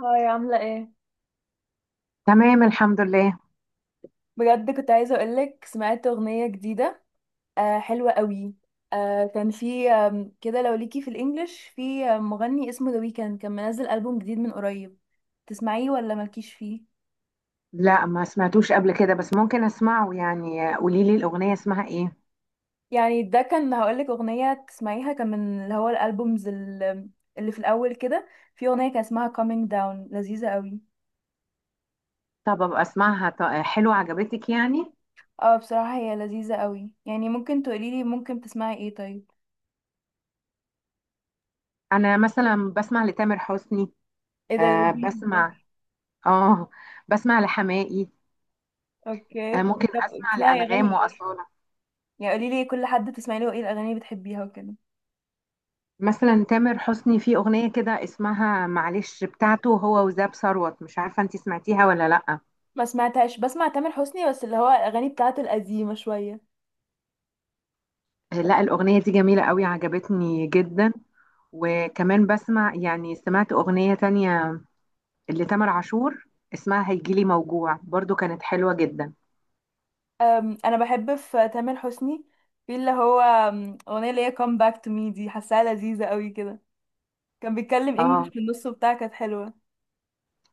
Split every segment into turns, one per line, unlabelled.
هاي عاملة ايه؟
تمام الحمد لله.
بجد كنت عايزة اقولك سمعت اغنية جديدة. آه، حلوة قوي. آه كان في كده لو ليكي في الانجليش، في مغني اسمه ذا ويكند كان منزل ألبوم جديد من قريب. تسمعيه ولا مالكيش فيه؟
لا، ما سمعتوش قبل كده بس ممكن اسمعه، يعني قولي لي الاغنيه اسمها ايه؟
يعني ده كان هقولك اغنية تسمعيها، كان من اللي هو الألبومز اللي في الأول كده. في اغنية كان اسمها coming down، لذيذة قوي.
طب ابقى اسمعها، حلوه عجبتك يعني؟
اه بصراحة هي لذيذة قوي، يعني ممكن تقوليلي ممكن تسمعي ايه طيب؟
انا مثلا بسمع لتامر حسني.
ايه ده،
آه
لذيذ ده.
بسمع. اه بسمع لحماقي.
اوكي
آه ممكن
طب،
اسمع
بتسمعي اغاني
لانغام
ايه؟
واصاله.
يعني قولي لي كل حد بتسمعي له ايه، الاغاني اللي بتحبيها وكده.
مثلا تامر حسني في اغنيه كده اسمها معلش بتاعته هو وزاب ثروت، مش عارفه انت سمعتيها ولا لا.
ما سمعتهاش، بسمع تامر حسني بس اللي هو الاغاني بتاعته القديمه شويه.
آه، لا الاغنيه دي جميله قوي، عجبتني جدا. وكمان بسمع، يعني سمعت اغنيه تانية اللي تامر عاشور اسمها هيجيلي موجوع، برضو كانت حلوة جدا.
انا بحب في تامر حسني، في اللي هو اغنيه اللي هي come back to me دي، حاساها لذيذه قوي كده. كان بيتكلم انجلش
اه،
في النص وبتاع، كانت حلوه.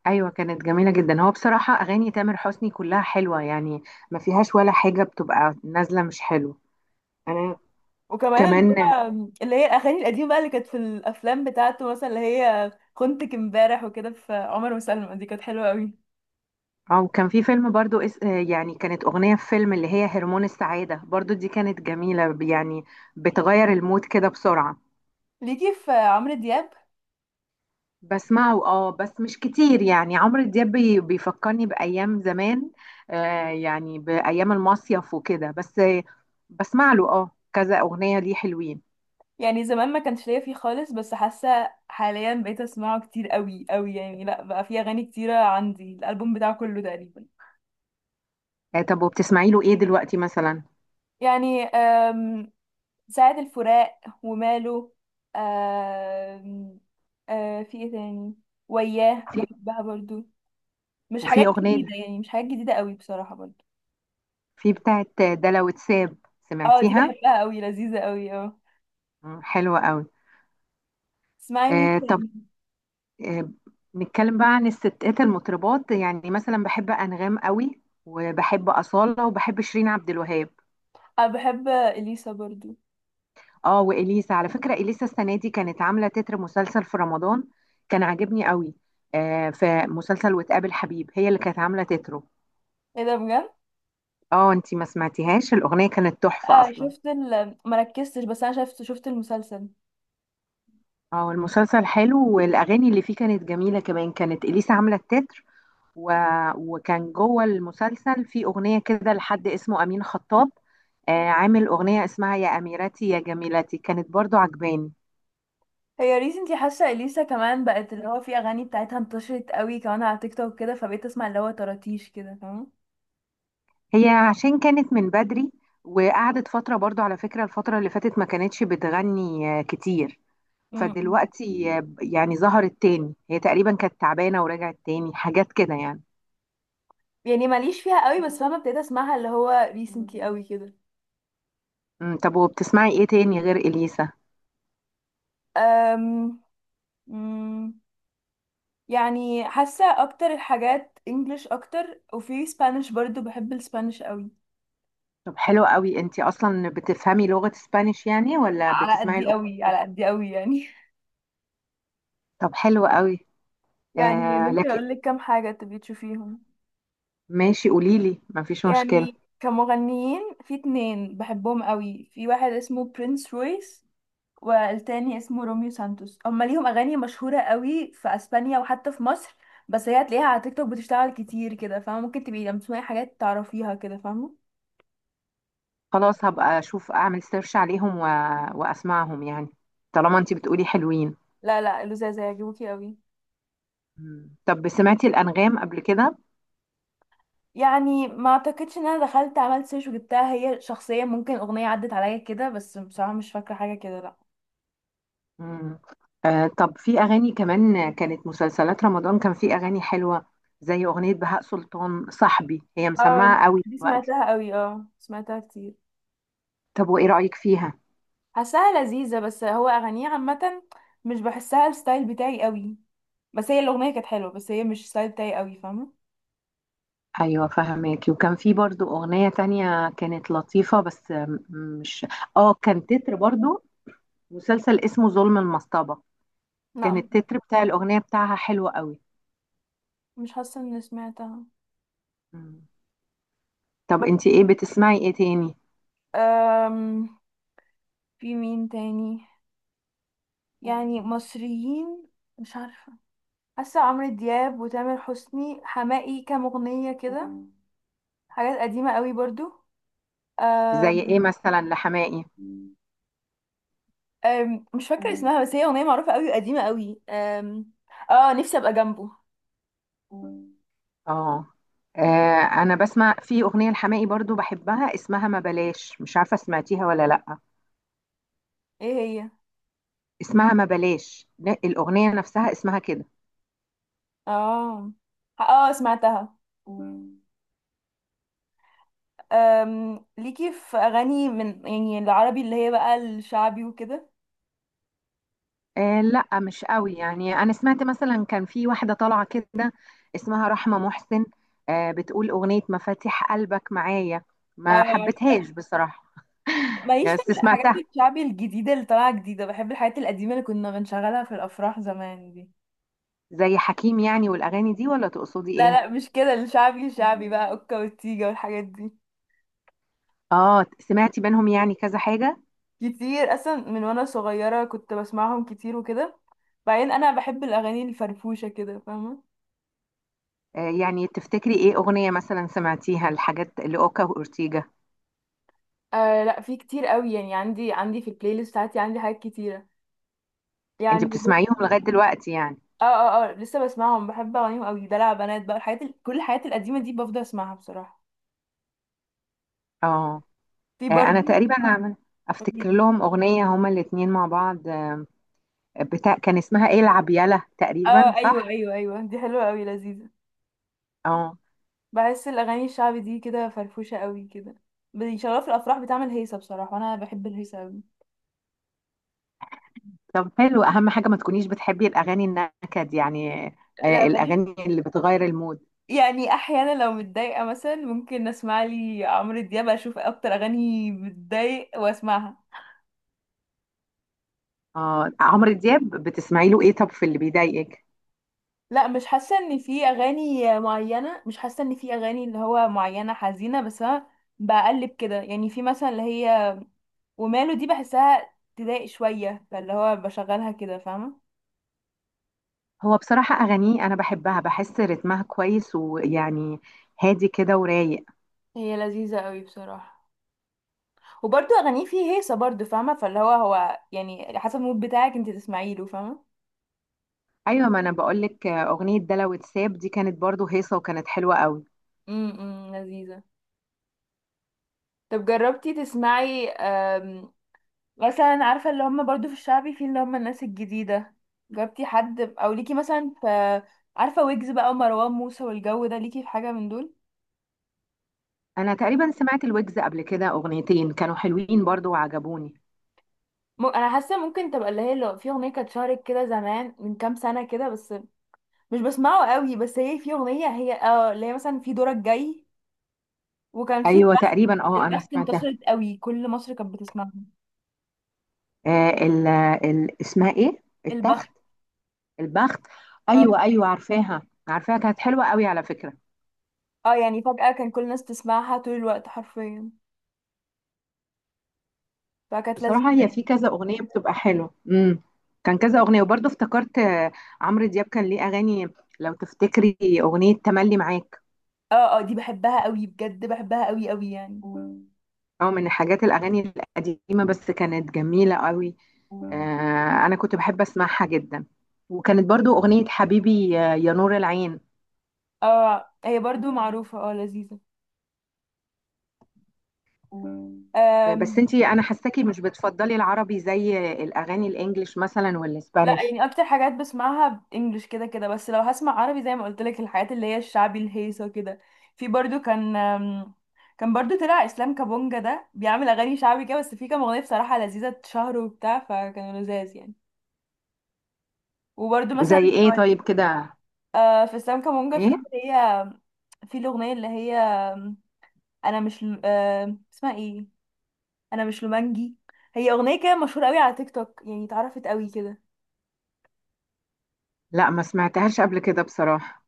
ايوه كانت جميلة جدا. هو بصراحة اغاني تامر حسني كلها حلوة يعني، ما فيهاش ولا حاجة بتبقى نازلة مش حلوة. انا.
وكمان اللي
كمان.
هو اللي هي الاغاني القديمه بقى اللي كانت في الافلام بتاعته، مثلا اللي هي خنتك امبارح وكده، في عمر وسلمى، دي كانت حلوه قوي.
او كان في فيلم برضو اس... آه، يعني كانت اغنية في فيلم اللي هي هرمون السعادة برضو، دي كانت جميلة يعني، بتغير المود كده بسرعة.
ليكي في عمرو دياب؟
بسمعه، بس مش كتير يعني. عمرو دياب بيفكرني بأيام زمان، يعني بأيام المصيف وكده بس. بسمع له، كذا أغنية ليه حلوين.
يعني زمان ما كانش ليا فيه خالص، بس حاسه حاليا بقيت اسمعه كتير قوي قوي، يعني لا بقى فيه اغاني كتيره عندي، الالبوم بتاعه كله تقريبا.
آه طب، وبتسمعي له ايه دلوقتي مثلا؟
يعني سعد الفراق، وماله، أم، في ايه تاني، وياه،
في
بحبها برضو. مش حاجات
وفي أغنية
جديده، يعني مش حاجات جديده قوي بصراحه برضو.
في بتاعت دلع وتساب،
اه دي
سمعتيها؟
بحبها قوي، لذيذه قوي اه.
مم، حلوة قوي.
اسمعي مين
آه طب.
تاني.
آه نتكلم بقى عن الستات المطربات، يعني مثلا بحب أنغام قوي، وبحب أصالة، وبحب شيرين عبد الوهاب.
انا بحب اليسا برضو.
اه، واليسا على فكره، اليسا السنه دي كانت عامله تتر مسلسل في رمضان، كان عاجبني قوي. آه، في مسلسل وتقابل حبيب، هي اللي كانت عامله تتره.
ايه ده بجد.
اه انتي ما سمعتيهاش؟ الاغنيه كانت تحفه
اه
اصلا.
شفت مركزتش، بس انا شفت المسلسل.
اه، المسلسل حلو، والاغاني اللي فيه كانت جميله كمان، كانت اليسا عامله التتر. و... وكان جوه المسلسل في اغنيه كده لحد اسمه امين خطاب، عامل اغنيه اسمها يا اميرتي يا جميلتي، كانت برضو عجباني.
هي ريسنتلي حاسه اليسا كمان بقت اللي هو في اغاني بتاعتها انتشرت قوي كمان على تيك توك كده، فبقيت اسمع اللي هو طراطيش كده فاهم.
هي عشان كانت من بدري، وقعدت فترة برضو على فكرة، الفترة اللي فاتت ما كانتش بتغني كتير.
امم.
فدلوقتي يعني ظهرت تاني، هي تقريبا كانت تعبانة ورجعت تاني حاجات كده يعني.
يعني ماليش فيها قوي، بس فاهمه ابتديت اسمعها اللي هو ريسنتلي قوي كده.
طب وبتسمعي ايه تاني غير إليسا؟
أم... أم، يعني حاسه اكتر الحاجات انجلش اكتر، وفي سبانيش برضو، بحب السبانيش قوي.
طب حلو قوي، انتي اصلا بتفهمي لغة اسبانيش يعني ولا
على
بتسمعي
قدي
الأغنية؟
قوي، على قدي قوي يعني
طب حلو قوي.
يعني
آه
ممكن
لكن
اقول لك كام حاجه تبي تشوفيهم.
ماشي، قوليلي، مفيش مشكلة.
يعني كمغنيين في اتنين بحبهم قوي، في واحد اسمه برنس رويس والتاني اسمه روميو سانتوس. هما ليهم اغاني مشهوره قوي في اسبانيا وحتى في مصر، بس هي هتلاقيها على تيك توك بتشتغل كتير كده فاهمه، ممكن تبقي لما تسمعي حاجات تعرفيها كده فاهمه.
خلاص هبقى اشوف اعمل سيرش عليهم واسمعهم يعني، طالما انتي بتقولي حلوين.
لا لذاذه، هيعجبوكي قوي.
مم. طب سمعتي الأنغام قبل كده؟
يعني ما اعتقدش ان انا دخلت عملت سيرش وجبتها هي شخصيا، ممكن اغنيه عدت عليا كده، بس بصراحه مش فاكره حاجه كده لا.
مم. آه طب، في أغاني كمان كانت مسلسلات رمضان، كان في أغاني حلوة، زي أغنية بهاء سلطان صاحبي، هي
اه
مسمعة قوي
دي
دلوقتي.
سمعتها قوي، اه سمعتها كتير.
طب وإيه رأيك فيها؟
حاساها لذيذة، بس هو أغانيه عامة مش بحسها الستايل بتاعي قوي. بس هي الأغنية كانت حلوة، بس هي مش الستايل بتاعي قوي فاهمة.
أيوة فهماكي. وكان في برضو أغنية تانية كانت لطيفة بس آم، مش آه كان تتر برضو مسلسل اسمه ظلم المصطبة، كان
لا
التتر بتاع الأغنية بتاعها حلوة قوي.
مش حاسة اني سمعتها.
مم. طب
بس
انتي بتسمعي ايه تاني؟
أم... في مين تاني، يعني مصريين. مش عارفة، حاسة عمرو دياب وتامر حسني حماقي، كام أغنية كده، حاجات قديمة قوي برضو.
زي ايه
أم...
مثلا لحماقي؟
مش فاكرة اسمها، بس هي أغنية معروفة قوي، قديمة قوي. اه، نفسي أبقى جنبه.
اه. آه، انا بسمع في اغنيه لحماقي برضو بحبها اسمها ما بلاش، مش عارفه سمعتيها ولا لا.
ايه هي؟
اسمها ما بلاش، لا، الاغنيه نفسها اسمها كده.
اه اه، سمعتها. ليكي في أغاني من يعني العربي اللي هي بقى الشعبي وكده؟
آه لا، مش قوي يعني، انا سمعت مثلا كان في واحده طالعه كده اسمها رحمه محسن، بتقول اغنيه مفاتيح قلبك معايا، ما
اه،
حبيتهاش بصراحه.
ماليش
يعني
في
بس
الحاجات
سمعتها
الشعبي الجديدة اللي طالعة جديدة، بحب الحاجات القديمة اللي كنا بنشغلها في الأفراح زمان دي.
زي حكيم يعني، والاغاني دي، ولا تقصدي
لا
ايه؟
لا مش كده، الشعبي الشعبي بقى أوكا والتيجة والحاجات دي.
اه سمعتي بينهم يعني كذا حاجه.
كتير أصلا من وأنا صغيرة كنت بسمعهم كتير وكده، بعدين أنا بحب الأغاني الفرفوشة كده فاهمة.
آه، يعني تفتكري ايه اغنية مثلا سمعتيها لحاجات لأوكا وأورتيجا؟
آه لا، في كتير قوي، يعني عندي في البلاي ليست بتاعتي عندي حاجات كتيرة،
انت
يعني
بتسمعيهم لغاية دلوقتي يعني؟
اه اه اه لسه بسمعهم، بحب أغانيهم قوي، دلع بنات بقى، الحاجات كل الحاجات القديمة دي بفضل أسمعها بصراحة.
اه.
في
آه، انا
برضه.
تقريبا افتكر لهم اغنية هما الاتنين مع بعض، بتاع كان اسمها ايه، العب يالا تقريبا
اه ايوه
صح؟
ايوه ايوه، دي حلوه قوي، لذيذه.
اه.
بحس الاغاني الشعبي دي كده فرفوشه قوي كده، بيشغلوها في الافراح، بتعمل هيصه بصراحه، وانا بحب الهيصه قوي.
طب حلو، اهم حاجة ما تكونيش بتحبي الاغاني النكد يعني،
لا ماليش.
الاغاني اللي بتغير المود.
يعني احيانا لو متضايقه مثلا ممكن اسمع لي عمرو دياب، اشوف اكتر اغاني بتضايق واسمعها.
اه عمرو دياب بتسمعي له ايه، طب في اللي بيضايقك؟
لا مش حاسه ان في اغاني معينه، مش حاسه ان في اغاني اللي هو معينه حزينه، بس انا بقلب كده، يعني في مثلا اللي هي وماله دي، بحسها تضايق شويه، فاللي هو بشغلها كده فاهمه.
هو بصراحة اغانيه انا بحبها، بحس رتمها كويس، ويعني هادي كده ورايق.
هي لذيذه قوي بصراحه، وبرضه اغانيه فيه هيصه برضه فاهمه، فاللي هو يعني على حسب المود بتاعك انت تسمعي له فاهمه.
ايوه، ما انا بقول لك، اغنيه ده لو اتساب دي كانت برضو هيصه وكانت حلوه قوي.
امم، لذيذه. طب جربتي تسمعي مثلا عارفه اللي هم برضه في الشعبي، في اللي هم الناس الجديده، جربتي حد؟ او ليكي مثلا في، عارفه، ويجز بقى ومروان موسى والجو ده، ليكي في حاجه من دول؟
انا تقريبا سمعت الويجز قبل كده اغنيتين كانوا حلوين برضو وعجبوني.
انا حاسه ممكن تبقى اللي هي لو في اغنيه كانت شهرت كده زمان من كام سنه كده بس، مش بسمعه قوي، بس هي في اغنيه، هي اه اللي هي مثلا في دورك جاي، وكان في
ايوه
البخت.
تقريبا، انا
البخت
سمعتها.
انتشرت قوي، كل مصر كانت بتسمعها.
آه ال ال اسمها ايه، التخت؟
البخت،
البخت. ايوه
اه.
ايوه، عارفاها عارفاها كانت حلوه قوي على فكره.
آه، يعني فجأة كان كل الناس تسمعها طول الوقت حرفيا، فكانت لذيذة
بصراحه هي
يعني.
في كذا اغنيه بتبقى حلوه. كان كذا اغنيه، وبرضو افتكرت عمرو دياب كان ليه اغاني، لو تفتكري اغنيه تملي معاك.
اه اه، دي بحبها قوي بجد، بحبها قوي قوي يعني.
اه، من حاجات الاغاني القديمه بس كانت جميله قوي، انا كنت بحب اسمعها جدا. وكانت برضو اغنية حبيبي يا نور العين.
اه هي برضو معروفة، اه،
آه،
لذيذة.
بس انتي انا حاساكي مش بتفضلي العربي زي الاغاني الانجليش مثلا
لا
والاسبانيش.
يعني اكتر حاجات بسمعها انجلش كده كده، بس لو هسمع عربي زي ما قلت لك الحاجات اللي هي الشعبي الهيصه كده. في برضو كان كان برضو طلع اسلام كابونجا، ده بيعمل اغاني شعبي كده، بس في كام اغنيه بصراحه لذيذه اتشهروا وبتاع، فكانوا لذاذ يعني. وبرضو مثلا
زي ايه طيب كده؟
آه، في اسلام كابونجا، في
ايه؟
اللي هي، في الاغنيه اللي هي انا مش ل- آم، اسمها ايه، انا مش لومانجي، هي اغنيه كده مشهوره قوي على تيك توك، يعني اتعرفت قوي كده.
لا ما سمعتهاش قبل كده بصراحة.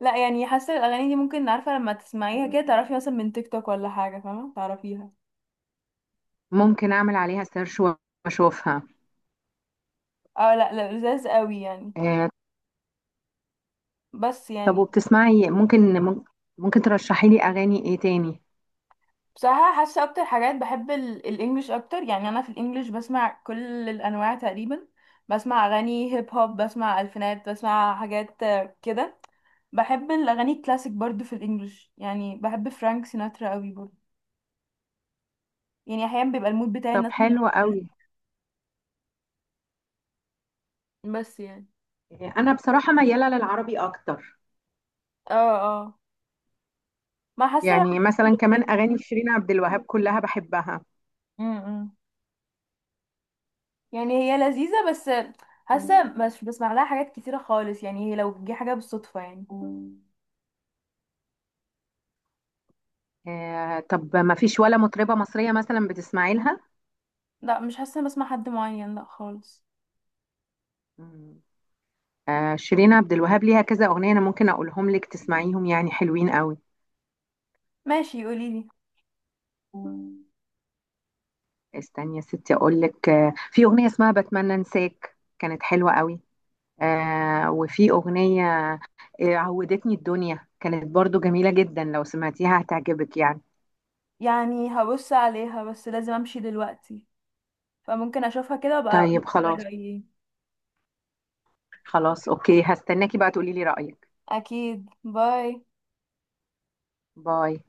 لا يعني حاسه الاغاني دي ممكن، عارفه، لما تسمعيها كده تعرفي مثلا من تيك توك ولا حاجه، فاهمه تعرفيها.
ممكن اعمل عليها سيرش واشوفها.
اه لا لا، لذاذ قوي يعني.
آه،
بس
طب
يعني،
وبتسمعي ممكن ممكن ممكن ترشحي لي اغاني ايه تاني؟
بصراحه حاسه اكتر حاجات بحب الانجليش اكتر، يعني انا في الانجليش بسمع كل الانواع تقريبا، بسمع اغاني هيب هوب، بسمع الفينات، بسمع حاجات كده. بحب الاغاني الكلاسيك برضو في الانجليش، يعني بحب فرانك سيناترا قوي برضو، يعني احيانا بيبقى المود بتاعي
طب
الناس.
حلو قوي.
بس يعني،
آه، انا بصراحة ميالة للعربي اكتر،
اه اه، ما حاسه
يعني
بقى.
مثلا كمان اغاني شيرين عبد الوهاب كلها بحبها.
امم، يعني هي لذيذة، بس حاسة مش بسمع لها حاجات كتيرة خالص يعني، هي لو جه حاجة بالصدفة يعني.
آه طب ما فيش ولا مطربة مصرية مثلا بتسمعي لها؟
لا مش حاسة إني بسمع حد معين، لا خالص.
مم. آه شيرين عبد الوهاب ليها كذا أغنية، أنا ممكن أقولهم لك تسمعيهم، يعني حلوين قوي.
ماشي قوليلي.
استني يا ستي أقول لك، في أغنية اسمها بتمنى أنساك، كانت حلوة قوي. وفي أغنية عودتني الدنيا، كانت برضو جميلة جدا، لو سمعتيها هتعجبك يعني.
يعني هبص عليها، بس لازم امشي دلوقتي، فممكن اشوفها كده وابقى اقولك
طيب خلاص.
رأيي ايه.
خلاص أوكي، هستناكي بقى تقولي لي رأيك.
اكيد، باي.
باي.